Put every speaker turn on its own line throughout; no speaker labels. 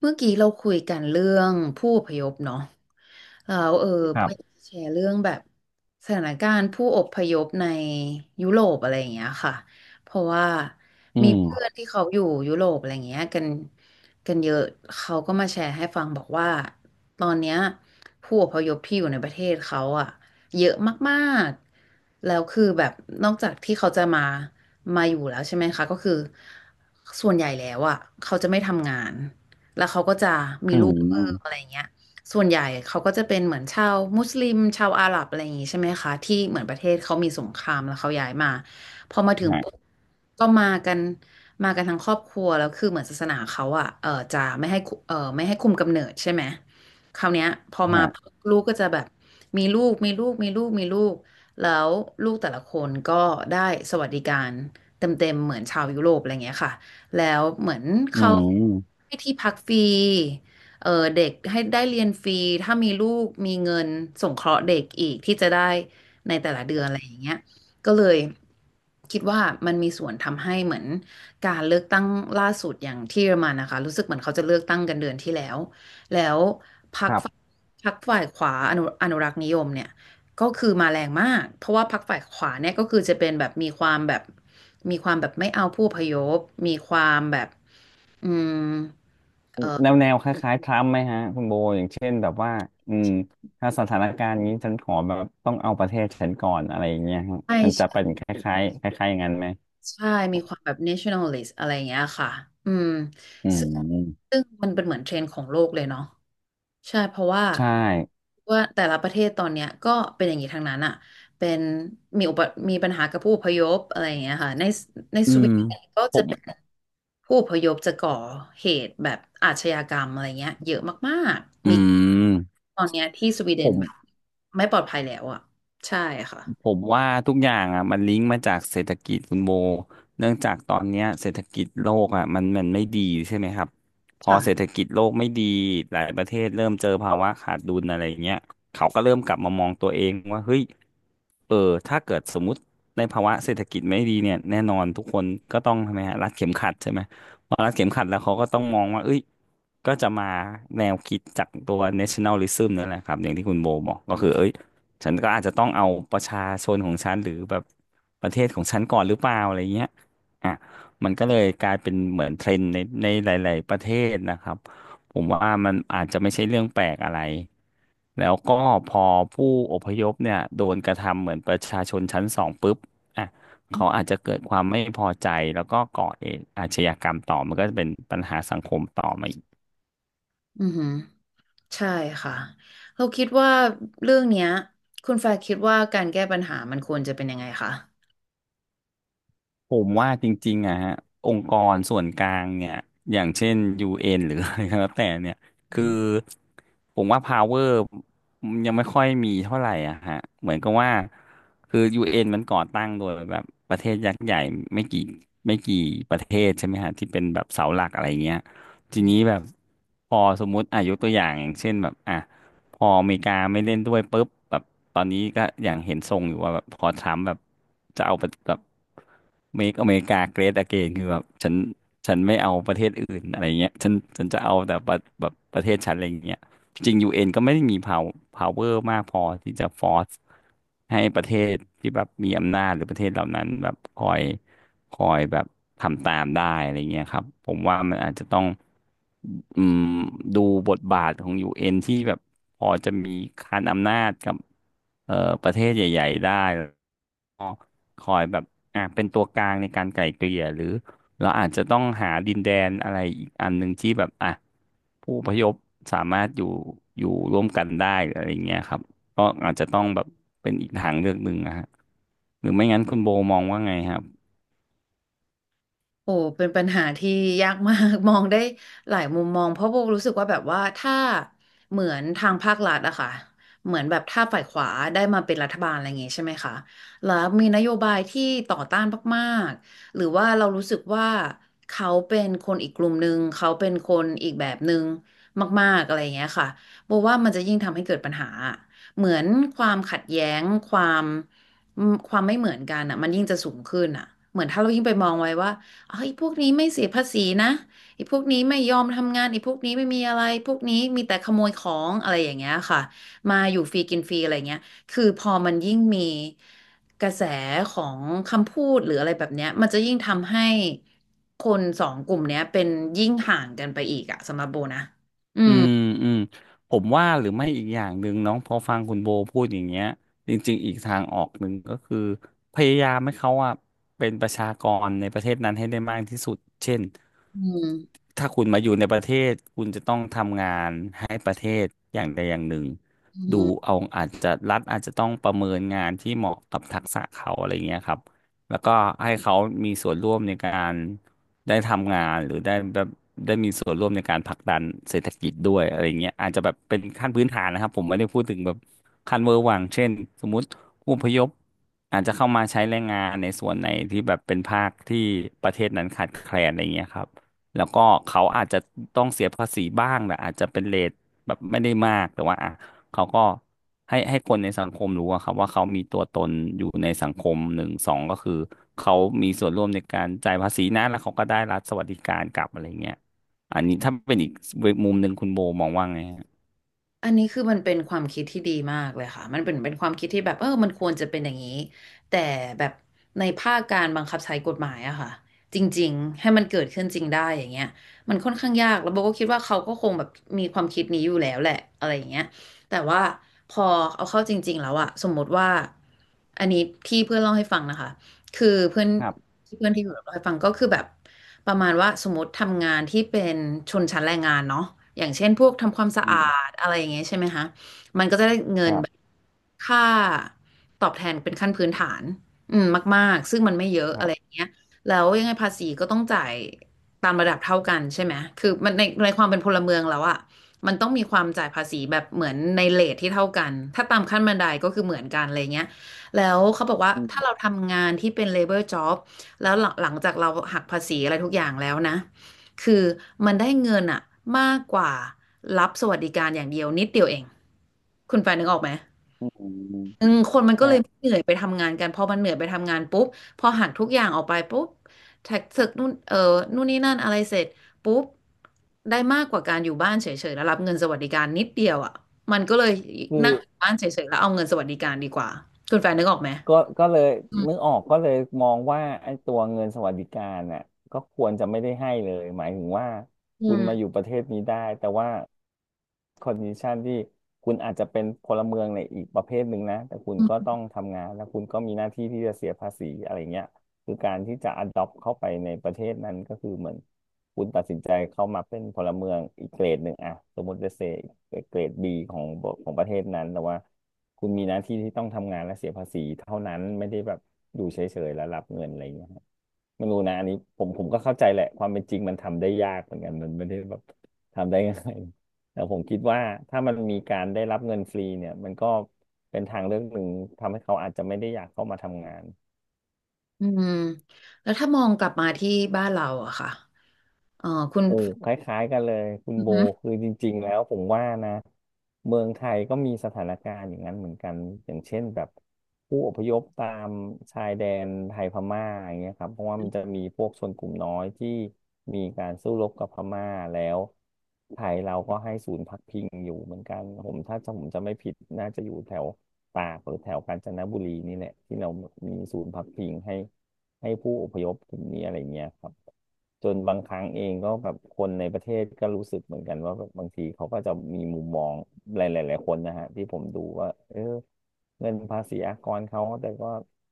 เมื่อกี้เราคุยกันเรื่องผู้อพยพเนาะแล้วเอออ
ค
บ
รั
อ
บ
ยากจะแชร์เรื่องแบบสถานการณ์ผู้อพยพในยุโรปอะไรอย่างเงี้ยค่ะเพราะว่า
อื
มีเพื่
ม
อนที่เขาอยู่ยุโรปอะไรอย่างเงี้ยกันเยอะเขาก็มาแชร์ให้ฟังบอกว่าตอนเนี้ยผู้อพยพที่อยู่ในประเทศเขาอะเยอะมากๆแล้วคือแบบนอกจากที่เขาจะมาอยู่แล้วใช่ไหมคะก็คือส่วนใหญ่แล้วอะเขาจะไม่ทำงาน แล้วเขาก็จะมี
อื
ลูกเพิ่มอะไร
ม
อย่างเงี้ยส่วนใหญ่เขาก็จะเป็นเหมือนชาวมุสลิมชาวอาหรับอะไรอย่างงี้ใช่ไหมคะที่เหมือนประเทศเขามีสงครามแล้วเขาย้ายมาพอมาถึง
ฮะ
ปุ๊บก็มากันมากันทั้งครอบครัวแล้วคือเหมือนศาสนาเขาอ่ะเออจะไม่ให้คุมกำเนิดใช่ไหมคราวเนี้ยพอมา
ฮะ
ลูกก็จะแบบมีลูกมีลูกมีลูกมีลูกแล้วลูกแต่ละคนก็ได้สวัสดิการเต็มๆเหมือนชาวยุโรปอะไรอย่างเงี้ยค่ะ แล้วเหมือน
อื
เขา
ม
ให้ที่พักฟรีเออเด็กให้ได้เรียนฟรีถ้ามีลูกมีเงินสงเคราะห์เด็กอีกที่จะได้ในแต่ละเดือนอะไรอย่างเงี้ยก็เลยคิดว่ามันมีส่วนทำให้เหมือนการเลือกตั้งล่าสุดอย่างที่เยอรมันนะคะรู้สึกเหมือนเขาจะเลือกตั้งกันเดือนที่แล้วแล้วพรร
ค
ค
รั
ฝ่าย
บ
พรรคฝ่ายขวาอนุรักษ์นิยมเนี่ย ก็คือมาแรงมาก เพราะว่าพรรคฝ่ายขวาเนี่ยก็คือจะเป็นแบบมีความแบบไม่เอาผู้อพยพมีความแบบอืม
แนวคล้ายๆทรัมป์ไหมฮะ คุณโบ อย่างเช่นแบบว่า อืม ถ้าสถานการณ์นี้ ฉันขอแบบ ต้องเอาประเทศฉันก่อน อะไรอย่างเงี้ยฮะ
ใช่
มันจะเป็
ใช่
นคล้ายๆคล้ายๆอย่างนั้นไหม
ใช่มีความแบบ nationalist อะไรอย่างเงี้ยค่ะ อืม
อื
ซึ่ง
ม
ซึ่งมันเป็นเหมือนเทรนด์ของโลกเลยเนาะ ใช่เพราะว่า
ใช่
ว่าแต่ละประเทศตอนเนี้ยก็เป็นอย่างนี้ทางนั้นอ่ะเป็นมีอุปมีปัญหากับผู้อพยพอะไรอย่างเงี้ยค่ะใน
อื
สวี
ม
เดนก็
ผ
จะ
ม
เป็นผู้อพยพจะก่อเหตุแบบอาชญากรรมอะไรเงี้ยเยอะมาก
อื
ๆมี
ม
ตอนเนี้ยที่สวีเด
ผ
น
ม
แบบไม่ปลอดภัยแล้วอ่ะใช่ค่ะ
ผมว่าทุกอย่างอ่ะมันลิงก์มาจากเศรษฐกิจคุณโบเนื่องจากตอนเนี้ยเศรษฐกิจโลกอ่ะมันไม่ดีใช่ไหมครับพอเศรษฐ
ค่ะ
กิจโลกไม่ดีหลายประเทศเริ่มเจอภาวะขาดดุลอะไรเงี้ยเขาก็เริ่มกลับมามองตัวเองว่าเฮ้ยเออถ้าเกิดสมมติในภาวะเศรษฐกิจไม่ดีเนี่ยแน่นอนทุกคนก็ต้องทำไมฮะรัดเข็มขัดใช่ไหมพอรัดเข็มขัดแล้วเขาก็ต้องมองว่าเอ้ยก็จะมาแนวคิดจากตัว nationalism นั่นแหละครับอย่างที่คุณโบบอกก็คือเอ้ย ฉันก็อาจจะต้องเอาประชาชนของฉันหรือแบบประเทศของฉันก่อนหรือเปล่าอะไรเงี้ยอ่ะมันก็เลยกลายเป็นเหมือนเทรนด์ในหลาย ๆ ประเทศนะครับ ผมว่ามันอาจจะไม่ใช่เรื่องแปลกอะไร แล้วก็พอผู้อพยพเนี่ยโดนกระทำเหมือนประชาชนชั้นสองปุ๊บอ่ะเขาอาจจะเกิดความไม่พอใจแล้วก็ก่อเหตุอาชญากรรมต่อมันก็จะเป็นปัญหาสังคมต่อมา
อือหือใช่ค่ะเราคิดว่าเรื่องเนี้ยคุณแฟร์คิดว่าการแก้ปัญหามันควรจะเป็นยังไงคะ
ผมว่าจริงๆอะฮะองค์กรส่วนกลางเนี่ยอย่างเช่น UN หรืออะไรก็แล้วแต่เนี่ยคือผมว่า power ยังไม่ค่อยมีเท่าไหร่อะฮะเหมือนกับว่าคือ UN มันก่อตั้งโดยแบบประเทศยักษ์ใหญ่ไม่กี่ไม่กี่ประเทศใช่ไหมฮะที่เป็นแบบเสาหลักอะไรเงี้ยทีนี้แบบพอสมมุติอายุตัวอย่างอย่างเช่นแบบอ่ะ พออเมริกาไม่เล่นด้วยปุ๊บแบบตอนนี้ก็อย่างเห็นทรงอยู่ว่าแบบพอทรัมป์แบบจะเอาแบบmake America great again คือแบบฉันไม่เอาประเทศอื่นอะไรเงี้ยฉันจะเอาแต่ประแบบประเทศฉันอะไรเงี้ยจริงยูเอ็นก็ไม่ได้มี power มากพอที่จะ force ให้ประเทศที่แบบมีอำนาจหรือประเทศเหล่านั้นแบบคอยแบบทำตามได้อะไรเงี้ยครับผมว่ามันอาจจะต้องอืมดูบทบาทของยูเอ็นที่แบบพอจะมีคานอำนาจกับเอ่อประเทศใหญ่ๆได้แล้วก็คอยแบบอ่ะเป็นตัวกลางในการไกล่เกลี่ยหรือเราอาจจะต้องหาดินแดนอะไรอีกอันหนึ่งที่แบบอ่ะผู้อพยพสามารถอยู่ร่วมกันได้หรืออะไรเงี้ยครับก็อาจจะต้องแบบเป็นอีกทางเลือกหนึ่งนะฮะหรือไม่งั้นคุณโบมองว่าไงฮะ
โอ้เป็นปัญหาที่ยากมาก มองได้หลายมุมมองเพราะโบรู้สึกว่าแบบว่าถ้าเหมือนทางภาครัฐอะค่ะเหมือนแบบถ้าฝ่ายขวาได้มาเป็นรัฐบาลอะไรอย่างงี้ใช่ไหมคะแล้วมีนโยบายที่ต่อต้านมากๆหรือว่าเรารู้สึกว่าเขาเป็นคนอีกกลุ่มหนึ่งเขาเป็นคนอีกแบบหนึ่งมากๆอะไรอย่างเงี้ยค่ะโบว่ามันจะยิ่งทำให้เกิดปัญหาเหมือนความขัดแย้งความความไม่เหมือนกันอ่ะมันยิ่งจะสูงขึ้นอ่ะเหมือนถ้าเรายิ่งไปมองไว้ว่า ไอ้พวกนี้ไม่เสียภาษีนะไอ้พวกนี้ไม่ยอมทำงานไอ้พวกนี้ไม่มีอะไรพวกนี้มีแต่ขโมยของอะไรอย่างเงี้ยค่ะมาอยู่ฟรีกินฟรีอะไรเงี้ยคือพอมันยิ่งมีกระแสของคำพูดหรืออะไรแบบเนี้ยมันจะยิ่งทำให้คนสองกลุ่มเนี้ยเป็นยิ่งห่างกันไปอีกอะสำหรับโบนะอื
อื
ม
มอืมผมว่าหรือไม่อีกอย่างหนึ่งเน้องพอฟังคุณโบพูดอย่างเงี้ยจริงๆอีกทางออกหนึ่งก็คือพยายามให้เขาอะเป็นประชากรในประเทศนั้นให้ได้มากที่สุดเช่น
อืม
ถ้าคุณมาอยู่ในประเทศคุณจะต้องทำงานให้ประเทศอย่างใดอย่างหนึ่ง
อื
ดู
ม
เอาอาจจะรัฐอาจจะต้องประเมินงานที่เหมาะกับทักษะเขาอะไรเงี้ยครับแล้วก็ให้เขามีส่วนร่วมในการ ได้ทำงานหรือได้แบบได้มีส่วนร่วมในการผลักดันเศรษฐกิจด้วยอะไรเงี้ยอาจจะแบบเป็นขั้นพื้นฐานนะครับผมไม่ได้พูดถึงแบบขั้นเวอร์วังเช่นสมมติผู้อพยพอาจจะเข้ามาใช้แรงงานในส่วนไหนที่แบบเป็นภาคที่ประเทศนั้นขาดแคลนอะไรเงี้ยครับแล้วก็เขาอาจจะต้องเสียภาษีบ้างแหละอาจจะเป็นเรท แบบไม่ได้มากแต่ว่าอ่ะเขาก็ให้คนในสังคมรู้อะครับว่าเขามีตัวตนอยู่ในสังคมหนึ่งสองก็คือเขามีส่วนร่วมในการจ่ายภาษีนะแล้วเขาก็ได้รัฐสวัสดิการกลับอะไรเงี้ยอันนี้ถ้าเป็นอีกมุมหนึ่งคุณโบมองว่าไงฮะ
อันนี้คือมันเป็นความคิดที่ดีมากเลยค่ะมันเป็นความคิดที่แบบเออมันควรจะเป็นอย่างนี้แต่แบบในภาคการบังคับใช้กฎหมายอะค่ะจริงๆ ให้มันเกิดขึ้นจริงได้อย่างเงี้ยมันค่อนข้างยากแล้วโบก็คิดว่าเขาก็คงแบบมีความคิดนี้อยู่แล้วแหละอะไรอย่างเงี้ยแต่ว่าพอเอาเข้าจริงๆแล้วอะสมมติว่าอันนี้ที่เพื่อนเล่าให้ฟังนะคะคือเพื่อน
ครับ
ที่เพื่อนที่อยู่เล่าให้ฟังก็คือแบบ ประมาณว่าสมมติทำงานที่เป็นชนชั้นแรงงานเนาะอย่างเช่นพวกทำความสะ
อื
อาด
ม
อะไรอย่างเงี้ยใช่ไหมคะมันก็จะได้เงิ
ค
น
รั
แบบ
บ
ค่าตอบแทนเป็นขั้นพื้นฐานอืมมากๆซึ่งมันไม่เยอะ
ค
อะไร
รั
อ
บ
ย่างเงี้ยแล้วยังไงภาษีก็ต้องจ่ายตามระดับเท่ากันใช่ไหมคือมันในความเป็นพลเมืองแล้วอะมันต้องมีความจ่ายภาษีแบบเหมือนในเรทที่เท่ากันถ้าตามขั้นบันไดก็คือเหมือนกันอะไรเงี้ยแล้วเขาบอกว่า
อื
ถ้าเรา
ม
ทำงานที่เป็น labor job แล้วหลังจากเราหักภาษีอะไรทุกอย่างแล้วนะคือมันได้เงินอะมากกว่ารับสวัสดิการอย่างเดียวนิดเดียวเองคุณแฟนนึกออกไหม
อืมอืม
อืมคนมันก็
ฮะ
เลยไม่เหนื่อยไปทำงานกัน พอมันเหนื่อยไปทำงานปุ๊บพอหักทุกอย่างออกไปปุ๊บแท็กเสร็จนู่นนู่นนี่นั่นอะไรเสร็จปุ๊บได้มากกว่าการอยู่บ้านเฉยๆแล้วรับเงินสวัสดิการนิดเดียวอ่ะมันก็เลย
คือ
นั่งอยู่บ้านเฉยๆแล้วเอาเงินสวัสดิการดีกว่าคุณแฟนนึกออกไหม
ก็เลยนึกออกก็เลยมองว่าไอ้ตัวเงินสวัสดิการน่ะก็ควรจะไม่ได้ให้เลยหมายถึงว่า
อื
คุณมาอ
ม
ยู่ประเทศนี้ได้แต่ว่าคอนดิชันที่คุณอาจจะเป็นพลเมืองในอีกประเภทหนึ่งนะแต่คุณก็ต้องทำงานแล้วคุณก็มีหน้าที่ที่จะเสียภาษีอะไรเงี้ยคือการที่จะ adopt เข้าไปในประเทศนั้นก็คือเหมือนคุณตัดสินใจเข้ามาเป็นพลเมืองอีกเกรดหนึ่งอะสมมติจะเซอีกเกรดบีของประเทศนั้นแต่ว่า คุณมีหน้าที่ที่ต้องทำงานและเสียภาษีเท่านั้นไม่ได้แบบอยู่เฉยๆแล้วรับเงินอะไรอย่างเงี้ยครับไม่รู้นะอันนี้ผมก็เข้าใจแหละความเป็นจริงมันทำได้ยากเหมือนกันมันไม่ได้แบบทำได้ง่ายแต่ผมคิดว่าถ้ามันมีการได้รับเงินฟรีเนี่ยมันก็เป็นทางเลือกหนึ่งทำให้เขาอาจจะไม่ได้อยากเข้ามาทำงาน
อืมแล้วถ้ามองกลับมาที่บ้านเราอะค่ะเออคุณ
โอ้คล้ายๆกันเลยคุณ
อือ
โบ
ฮึ
คือจริงๆแล้วผมว่านะเมืองไทยก็มีสถานการณ์อย่างนั้นเหมือนกันอย่างเช่นแบบผู้อพยพตามชายแดนไทยพม่าอย่างเงี้ยครับเพราะว่ามันจะมีพวกชนกลุ่มน้อยที่มีการสู้รบกับพม่าแล้วไทยเราก็ให้ศูนย์พักพิงอยู่เหมือนกันผมถ้าจำผมจะไม่ผิดน่าจะอยู่แถวตากหรือแถวกาญจนบุรีนี่แหละที่เรามีศูนย์พักพิงให้ ให้ผู้อพยพตรงนี้อะไรเงี้ยครับจนบางครั้งเองก็แบบคนในประเทศก็รู้สึกเหมือนกันว่าแบบบางทีเขาก็จะมีมุมมองหลายๆหลายคนนะฮะที่ผมดูว่าเออเงินภาษีอากรเขาแต่ก็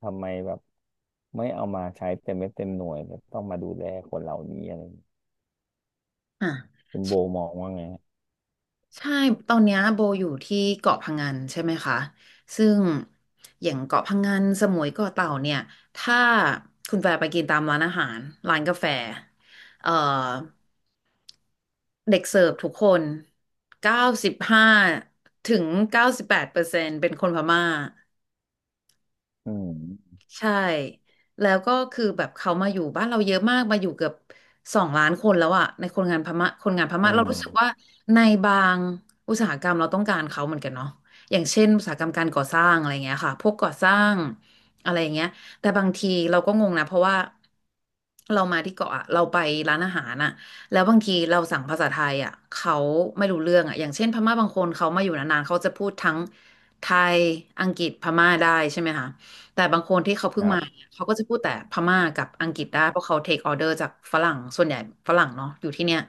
ทำไมแบบไม่เอามาใช้เต็มเม็ดเต็มหน่วยแตต้องมาดูแลคนเหล่านี้อะไรอย่างเงี้ย
อ่ะ
คุณโบมองว่าไงฮะ
ใช่ตอนเนี้ยโบอยู่ที่เกาะพังงันใช่ไหมคะซึ่งอย่างเกาะพังงันสมุยเกาะเต่าเนี่ยถ้าคุณแฟร์ไปกินตามร้านอาหารร้านกาแฟเอ่อเด็กเสิร์ฟทุกคน95-98%เป็นคนพม่า
อืม
ใช่แล้วก็คือแบบเขามาอยู่บ้านเราเยอะมากมาอยู่เกือบ2 ล้านคนแล้วอะในคนงานพม่าคนงานพ
อื
ม่าเรารู้สึกว่า
ม
ในบางอุตสาหกรรมเราต้องการเขาเหมือนกันเนาะอย่างเช่นอุตสาหกรรมการก่อสร้างอะไรเงี้ยค่ะพวกก่อสร้างอะไรเงี้ยแต่บางทีเราก็งงนะเพราะว่าเรามาที่เกาะอะเราไปร้านอาหารอะแล้วบางทีเราสั่งภาษาไทยอะเขาไม่รู้เรื่องอะอย่างเช่นพม่าบางคนเขามาอยู่นานๆเขาจะพูดทั้งไทยอังกฤษพม่าได้ใช่ไหมคะ แต่บางคนที่เขาเพิ่
ค
ง
รั
มา
บ
เนี่ยเขาก็จะพูดแต่พม่ากับอังกฤษได้เพราะเขาเทคออเดอร์จากฝรั่งส่วนใหญ่ฝรั่งเนาะอยู่ที่เนี่ย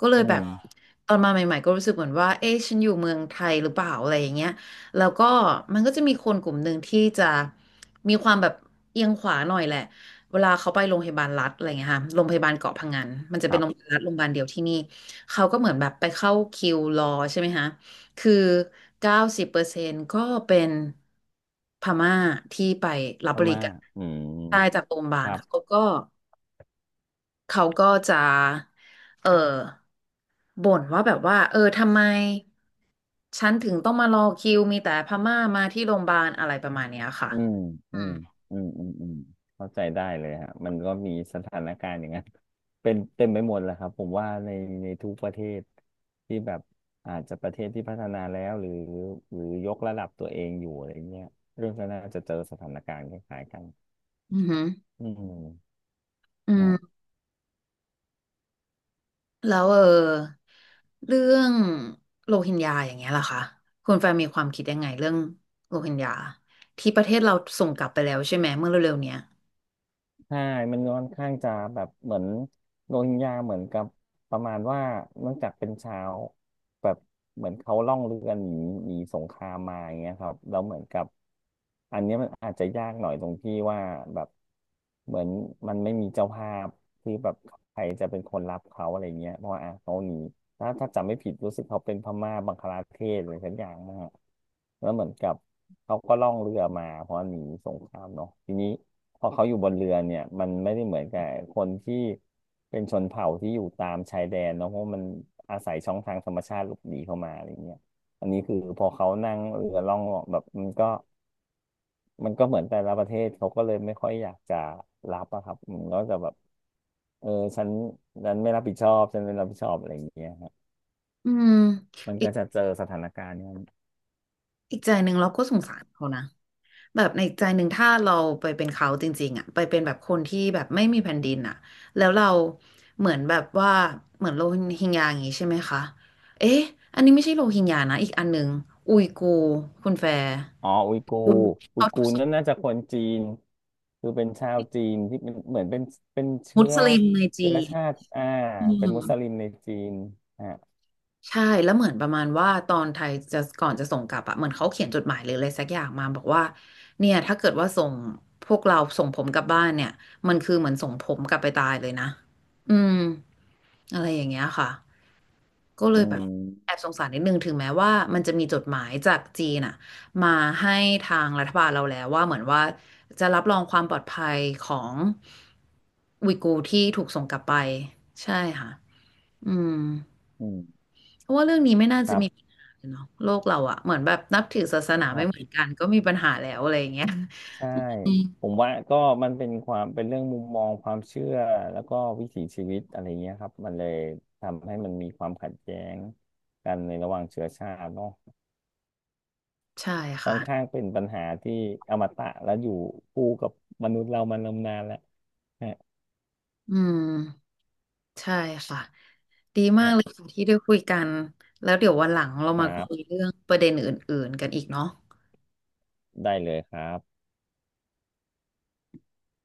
ก็เลย
อื
แบบ
ม
ตอนมาใหม่ๆก็รู้สึกเหมือนว่าเอ๊ะฉันอยู่เมืองไทยหรือเปล่าอะไรอย่างเงี้ยแล้วก็มันก็จะมีคนกลุ่มหนึ่งที่จะมีความแบบเอียงขวาหน่อยแหละเวลาเขาไปโรงพยาบาลรัฐอะไรเงี้ยค่ะโรงพยาบาลเกาะพะงันมันจะ
ค
เป็น
รั
โร
บ
งพยาบาลรัฐโรงพยาบาลเดียวที่นี่เขาก็เหมือนแบบไปเข้าคิวรอใช่ไหมคะ คือ90%ก็เป็นพม่าที่ไปรับ
พ
บริ
ม่า
การ
อืม
ได้จากโรงพยาบา
ค
ล
รั
เขา
บ
ก็เขาก็จะเออบ่นว่าแบบว่าเออทำไมฉันถึงต้องมารอคิวมีแต่พม่ามาที่โรงพยาบาลอะไรประมาณเนี้ยค่ะ
อืม
อื
อื
ม
มอืมอืมอืมเข้าใจได้เลยฮะมันก็มีสถานการณ์อย่างนั้น เป็นเต็มไปหมดแหละครับผมว่าในทุกประเทศที่แบบอาจจะประเทศที่พัฒนาแล้วหรือหรือยกระดับตัวเองอยู่อะไรเงี้ยเรื่องก็น่าจะเจอสถานการณ์คล้ายๆกัน
อือหือ
อืม
อื
ฮะ
ม แล้วเออเรื่องโรฮิงญาอย่างเงี้ยล่ะคะคุณแฟนมีความคิดยังไงเรื่องโรฮิงญาที่ประเทศเราส่งกลับไปแล้วใช่ไหมเมื่อเร็วๆเนี้ย
ใช่มันค่อนข้างจะแบบเหมือนโรฮิงญาเหมือนกับประมาณว่าเนื่องจากเป็นชาวแบบเหมือนเขาล่องเรือหนีหนีสงครามมาอย่างเงี้ยครับแล้วเหมือนกับอันเนี้ยมันอาจจะยากหน่อยตรงที่ว่าแบบเหมือนมันไม่มีเจ้าภาพที่แบบใครจะเป็นคนรับเขาอะไรเงี้ยเพราะว่าอ่ะเขาหนีถ้าจำไม่ผิดรู้สึกเขาเป็นพม่าบังคลาเทศอะไรสักอย่างมากแล้วเหมือนกับเขาก็ล่องเรือมาเพราะหนีสงครามเนาะทีนี้ พอเขาอยู่บนเรือเนี่ยมันไม่ได้เหมือนกับคนที่เป็นชนเผ่าที่อยู่ตามชายแดนเนาะเพราะมันอาศัยช่องทางธรรมชาติหลบหนีเข้ามาอะไรเงี้ยอันนี้คือพอเขานั่งเรือล่องแบบมันก็เหมือนแต่ละประเทศเขาก็เลยไม่ค่อยอยากจะรับอะครับอืมันก็จะแบบเออฉันฉันไม่รับผิดชอบฉันไม่รับผิดชอบอะไรอย่างเงี้ยครับ
อืม
มัน
อี
ก็
ก
จะเจอสถานการณ์เนี่ย
อีกใจหนึ่งเราก็สงสารเขานะแบบในอีกใจหนึ่งถ้าเราไปเป็นเขาจริงๆอ่ะไปเป็นแบบคนที่แบบไม่มีแผ่นดินอ่ะแล้วเราเหมือนแบบว่าเหมือนโรฮิงญาอย่างงี้ใช่ไหมคะเอ๊ะอันนี้ไม่ใช่โรฮิงญานะอีกอันหนึ่งอุยกูร์คุณแฟร์
อ๋ออุยกู
คือ
ร์อุย
เขาถู
กู
ก
ร์
ส
นั่นน่าจะคนจีนคือเป็นชาวจีนที่เป็นเหมือนเป็น
มุ
เชื้อ
สลิมใน
เชื้
จี
อ
น
ชาติอ่า
อื
เป็น
ม
มุสลิมในจีนอ่ะ
ใช่แล้วเหมือนประมาณว่าตอนไทยจะก่อนจะส่งกลับอะเหมือนเขาเขียนจดหมายหรืออะไรสักอย่างมาบอกว่าเนี่ยถ้าเกิดว่าส่งพวกเราส่งผมกลับบ้านเนี่ยมันคือเหมือนส่งผมกลับไปตายเลยนะอืมอะไรอย่างเงี้ยค่ะก็เล
อื
ยแบบแอ
ม
บสงสารนิดนึงถึงแม้ว่ามันจะมีจดหมายจากจีนอะมาให้ทางรัฐบาลเราแล้วว่าเหมือนว่าจะรับรองความปลอดภัยของอุยกูร์ที่ถูกส่งกลับไปใช่ค่ะอืม
อืม
เพราะว่าเรื่องนี้ไม่น่า
ค
จะ
รั
มีปัญ
บ
หาเนาะโลกเราอะเหมือนแบบนับถือศาสนา
ค
ไม่
รับ
เหมือนกันก็มีปัญหาแล้วอะไรอย่างเงี้ย
ใช่
อืม
ผมว่าก็มันเป็นความเป็นเรื่องมุมมองความเชื่อแล้วก็วิถีชีวิตอะไรเงี้ยครับมันเลยทำให้มันมีความขัดแย้งกันในระหว่างเชื้อชาติเนาะ
ใช่
ค่อ
ค่ะ
นข้างเป็นปัญหาที่อมตะและอยู่คู่กับมนุษย์เรามานมนานแล้วฮะ
อืมใช่ค่ะดีมากเลยค่ะที่ได้คุยกันแล้วเดี๋ยววันหลังเรา
ค
มา
รั
คุย
บ
เรื่องประเด็นอื่นๆกันอีกเนาะ
ได้เลยครับ